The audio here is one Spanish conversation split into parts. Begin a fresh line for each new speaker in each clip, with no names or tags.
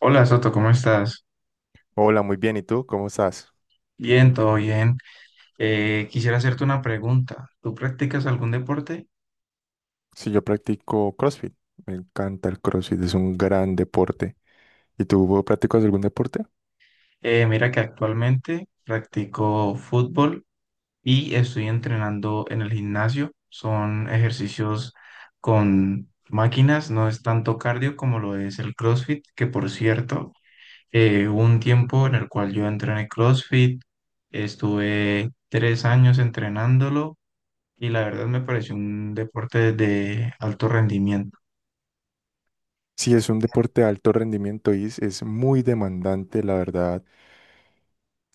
Hola Soto, ¿cómo estás?
Hola, muy bien. ¿Y tú? ¿Cómo estás?
Bien,
Mm,
todo bien. Quisiera hacerte una pregunta. ¿Tú practicas algún deporte?
sí, yo practico CrossFit. Me encanta el CrossFit, es un gran deporte. ¿Y tú practicas algún deporte?
Mira que actualmente practico fútbol y estoy entrenando en el gimnasio. Son ejercicios con máquinas, no es tanto cardio como lo es el CrossFit, que por cierto, hubo un tiempo en el cual yo entrené CrossFit, estuve 3 años entrenándolo y la verdad me pareció un deporte de alto rendimiento.
Sí, es un deporte de alto rendimiento y es muy demandante, la verdad.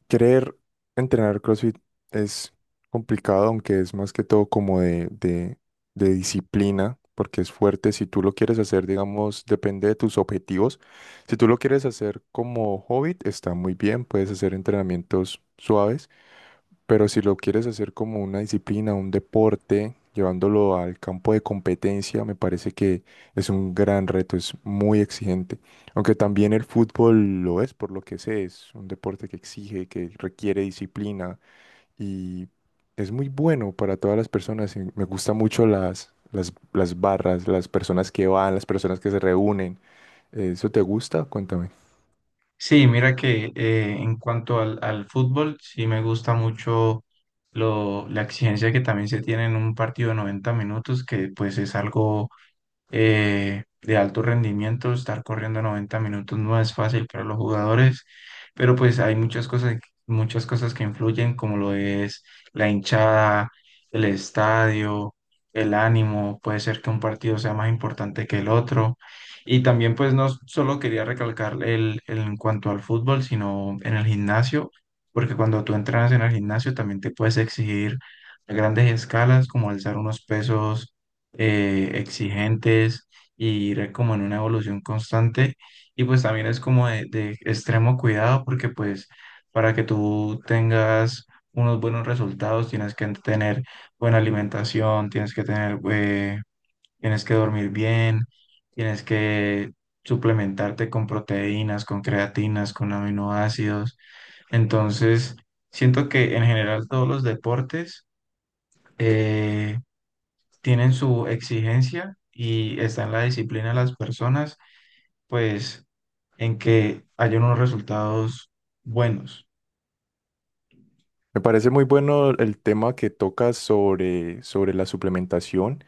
Querer entrenar CrossFit es complicado, aunque es más que todo como de disciplina, porque es fuerte. Si tú lo quieres hacer, digamos, depende de tus objetivos. Si tú lo quieres hacer como hobby, está muy bien, puedes hacer entrenamientos suaves. Pero si lo quieres hacer como una disciplina, un deporte, llevándolo al campo de competencia, me parece que es un gran reto, es muy exigente. Aunque también el fútbol lo es, por lo que sé, es un deporte que exige, que requiere disciplina y es muy bueno para todas las personas. Y Me gusta mucho las barras, las personas que van, las personas que se reúnen. ¿Eso te gusta? Cuéntame.
Sí, mira que en cuanto al fútbol, sí me gusta mucho la exigencia que también se tiene en un partido de 90 minutos, que pues es algo de alto rendimiento. Estar corriendo 90 minutos no es fácil para los jugadores, pero pues hay muchas cosas que influyen, como lo es la hinchada, el estadio, el ánimo. Puede ser que un partido sea más importante que el otro. Y también pues no solo quería recalcar en cuanto al fútbol, sino en el gimnasio, porque cuando tú entrenas en el gimnasio también te puedes exigir a grandes escalas, como alzar unos pesos exigentes y ir como en una evolución constante. Y pues también es como de extremo cuidado porque pues para que tú tengas unos buenos resultados tienes que tener buena alimentación, tienes que tener, tienes que dormir bien, tienes que suplementarte con proteínas, con creatinas, con aminoácidos. Entonces, siento que en general todos los deportes... eh, tienen su exigencia y está en la disciplina de las personas, pues en que haya unos resultados buenos.
Me parece muy bueno el tema que tocas sobre la suplementación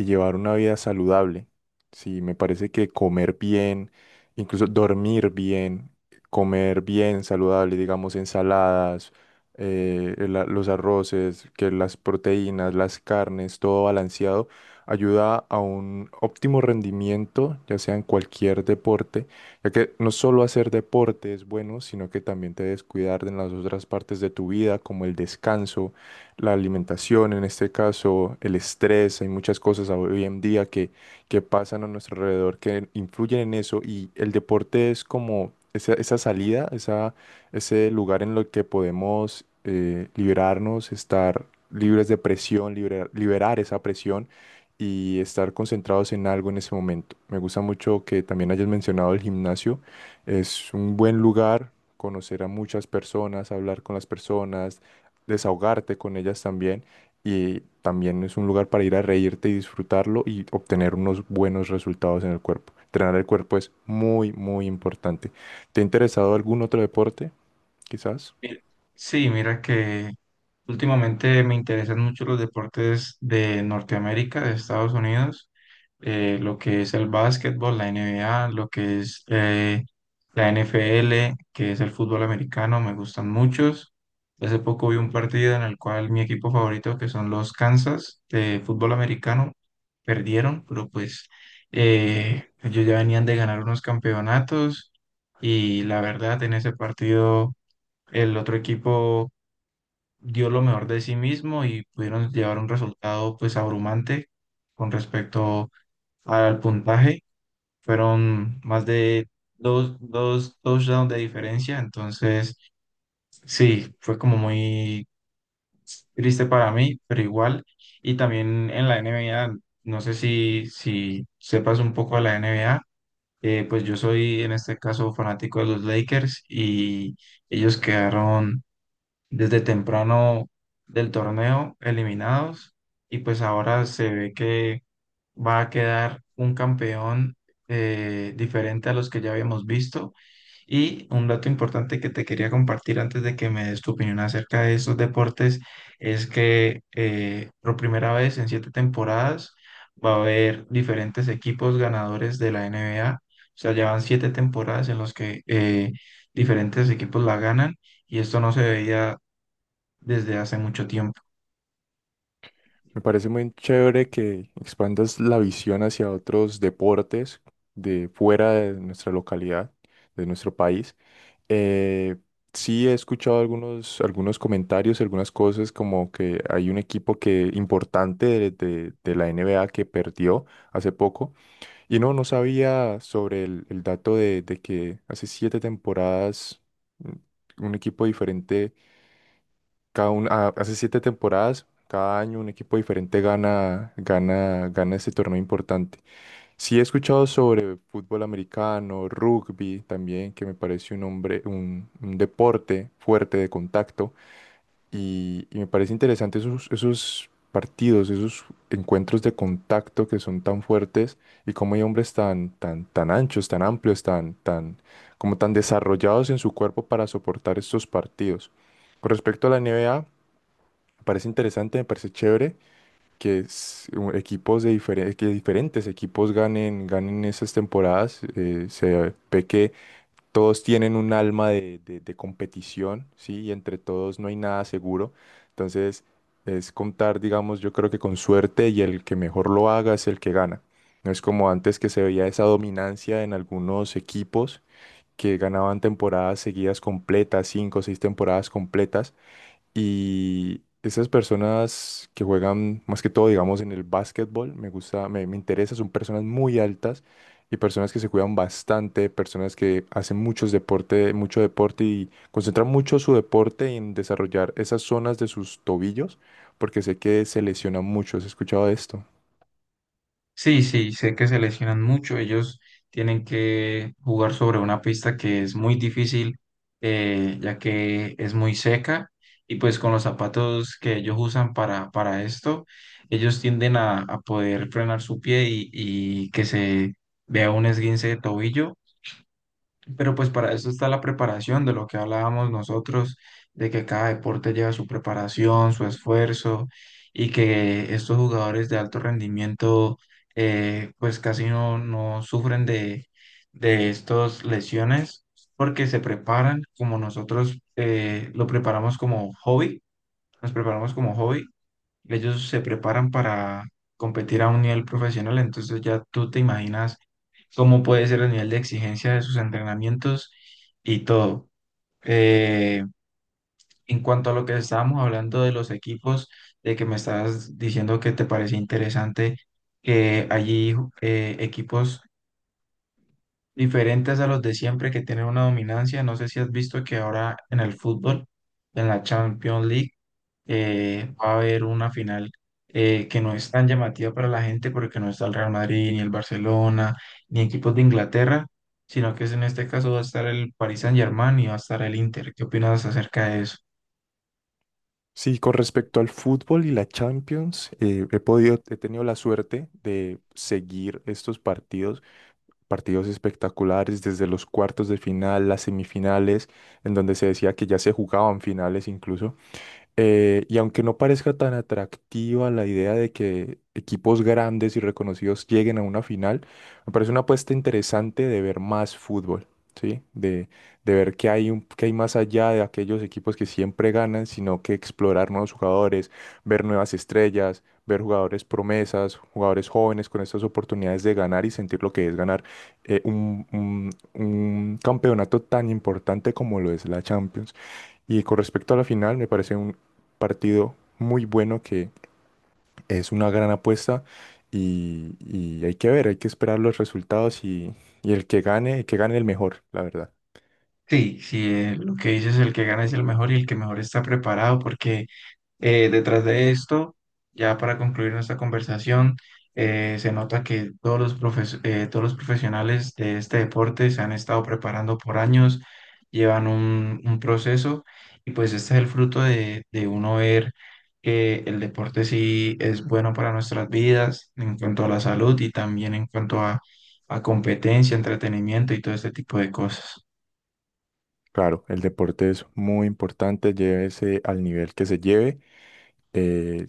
y llevar una vida saludable. Sí, me parece que comer bien, incluso dormir bien, comer bien saludable, digamos ensaladas, el los arroces, que las proteínas, las carnes, todo balanceado, ayuda a un óptimo rendimiento, ya sea en cualquier deporte, ya que no solo hacer deporte es bueno, sino que también te debes cuidar en las otras partes de tu vida, como el descanso, la alimentación, en este caso el estrés. Hay muchas cosas hoy en día que pasan a nuestro alrededor que influyen en eso, y el deporte es como esa salida, esa, ese lugar en lo que podemos liberarnos, estar libres de presión, liberar esa presión y estar concentrados en algo en ese momento. Me gusta mucho que también hayas mencionado el gimnasio, es un buen lugar, conocer a muchas personas, hablar con las personas, desahogarte con ellas también, y también es un lugar para ir a reírte y disfrutarlo y obtener unos buenos resultados en el cuerpo. Entrenar el cuerpo es muy importante. ¿Te ha interesado algún otro deporte? Quizás.
Mi- Sí, mira que últimamente me interesan mucho los deportes de Norteamérica, de Estados Unidos, lo que es el básquetbol, la NBA, lo que es la NFL, que es el fútbol americano, me gustan muchos. Hace poco vi un partido en el cual mi equipo favorito, que son los Kansas de fútbol americano, perdieron, pero pues ellos ya venían de ganar unos campeonatos y la verdad en ese partido el otro equipo dio lo mejor de sí mismo y pudieron llevar un resultado pues abrumante con respecto al puntaje. Fueron más de dos touchdowns de diferencia, entonces sí, fue como muy triste para mí, pero igual. Y también en la NBA, no sé si sepas un poco de la NBA. Pues yo soy en este caso fanático de los Lakers y ellos quedaron desde temprano del torneo eliminados y pues ahora se ve que va a quedar un campeón diferente a los que ya habíamos visto. Y un dato importante que te quería compartir antes de que me des tu opinión acerca de estos deportes es que por primera vez en 7 temporadas va a haber diferentes equipos ganadores de la NBA. O sea, llevan 7 temporadas en los que diferentes equipos la ganan y esto no se veía desde hace mucho tiempo.
Me parece muy chévere que expandas la visión hacia otros deportes de fuera de nuestra localidad, de nuestro país. Eh, sí he escuchado algunos comentarios, algunas cosas como que hay un equipo que importante de la NBA que perdió hace poco. Y no sabía sobre el dato de que hace 7 temporadas, mm, un equipo diferente, hace 7 temporadas, cada año un equipo diferente gana ese torneo importante. Sí he escuchado sobre fútbol americano, rugby también, que me parece un hombre, un deporte fuerte de contacto, y me parece interesante esos partidos, esos encuentros de contacto que son tan fuertes, y cómo hay hombres tan anchos, tan amplios, como tan desarrollados en su cuerpo para soportar estos partidos. Con respecto a la N. B. A. me parece interesante, me parece chévere que equipos de diferentes, que diferentes equipos ganen, ganen esas temporadas. Eh, se ve que todos tienen un alma de competición, ¿sí? Y entre todos no hay nada seguro. Entonces, es contar, digamos, yo creo que con suerte, y el que mejor lo haga es el que gana. No es como antes, que se veía esa dominancia en algunos equipos que ganaban temporadas seguidas completas, 5 o 6 temporadas completas, y esas personas que juegan más que todo, digamos, en el básquetbol, me gusta, me interesa, son personas muy altas y personas que se cuidan bastante, personas que hacen muchos deporte, mucho deporte, y concentran mucho su deporte en desarrollar esas zonas de sus tobillos, porque sé que se lesionan mucho. ¿Has escuchado de esto?
Sí, sí, sé que se lesionan mucho. Ellos tienen que jugar sobre una pista que es muy difícil, ya que es muy seca. Y pues con los zapatos que ellos usan para esto, ellos tienden a poder frenar su pie y que se vea un esguince de tobillo. Pero pues para eso está la preparación de lo que hablábamos nosotros, de que cada deporte lleva su preparación, su esfuerzo y que estos jugadores de alto rendimiento pues casi no sufren de estas lesiones porque se preparan como nosotros lo preparamos como hobby, nos preparamos como hobby, ellos se preparan para competir a un nivel profesional, entonces ya tú te imaginas cómo puede ser el nivel de exigencia de sus entrenamientos y todo. Eh, en cuanto a lo que estábamos hablando de los equipos, de que me estabas diciendo que te parece interesante que allí equipos diferentes a los de siempre que tienen una dominancia. No sé si has visto que ahora en el fútbol, en la Champions League, va a haber una final que no es tan llamativa para la gente porque no está el Real Madrid, ni el Barcelona, ni equipos de Inglaterra, sino que en este caso va a estar el Paris Saint-Germain y va a estar el Inter. ¿Qué opinas acerca de eso?
Sí, con respecto al fútbol y la Champions, he podido, he tenido la suerte de seguir estos partidos espectaculares desde los cuartos de final, las semifinales, en donde se decía que ya se jugaban finales incluso. Y aunque no parezca tan atractiva la idea de que equipos grandes y reconocidos lleguen a una final, me parece una apuesta interesante de ver más fútbol, ¿sí? De ver qué hay, qué hay más allá de aquellos equipos que siempre ganan, sino que explorar nuevos jugadores, ver nuevas estrellas, ver jugadores promesas, jugadores jóvenes con estas oportunidades de ganar y sentir lo que es ganar un campeonato tan importante como lo es la Champions. Y con respecto a la final, me parece un partido muy bueno, que es una gran apuesta, y hay que ver, hay que esperar los resultados, y el que gane, el que gane el mejor, la verdad.
Sí, sí, lo que dices, el que gana es el mejor y el que mejor está preparado porque detrás de esto, ya para concluir nuestra conversación, se nota que todos los todos los profesionales de este deporte se han estado preparando por años, llevan un proceso y pues este es el fruto de uno ver que el deporte sí es bueno para nuestras vidas en cuanto a la salud y también en cuanto a competencia, entretenimiento y todo este tipo de cosas.
Claro, el deporte es muy importante, llévese al nivel que se lleve. eh,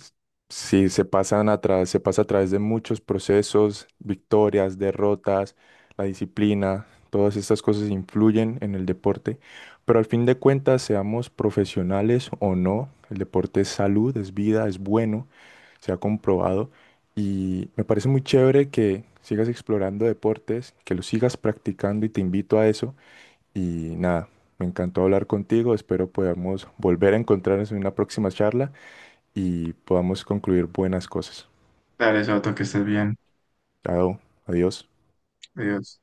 sí, se pasa a través de muchos procesos, victorias, derrotas, la disciplina, todas estas cosas influyen en el deporte, pero al fin de cuentas, seamos profesionales o no, el deporte es salud, es vida, es bueno, se ha comprobado, y me parece muy chévere que sigas explorando deportes, que los sigas practicando, y te invito a eso y nada. Me encantó hablar contigo, espero podamos volver a encontrarnos en una próxima charla y podamos concluir buenas cosas.
Dale, Soto, que estés bien.
Chao, adiós.
Adiós.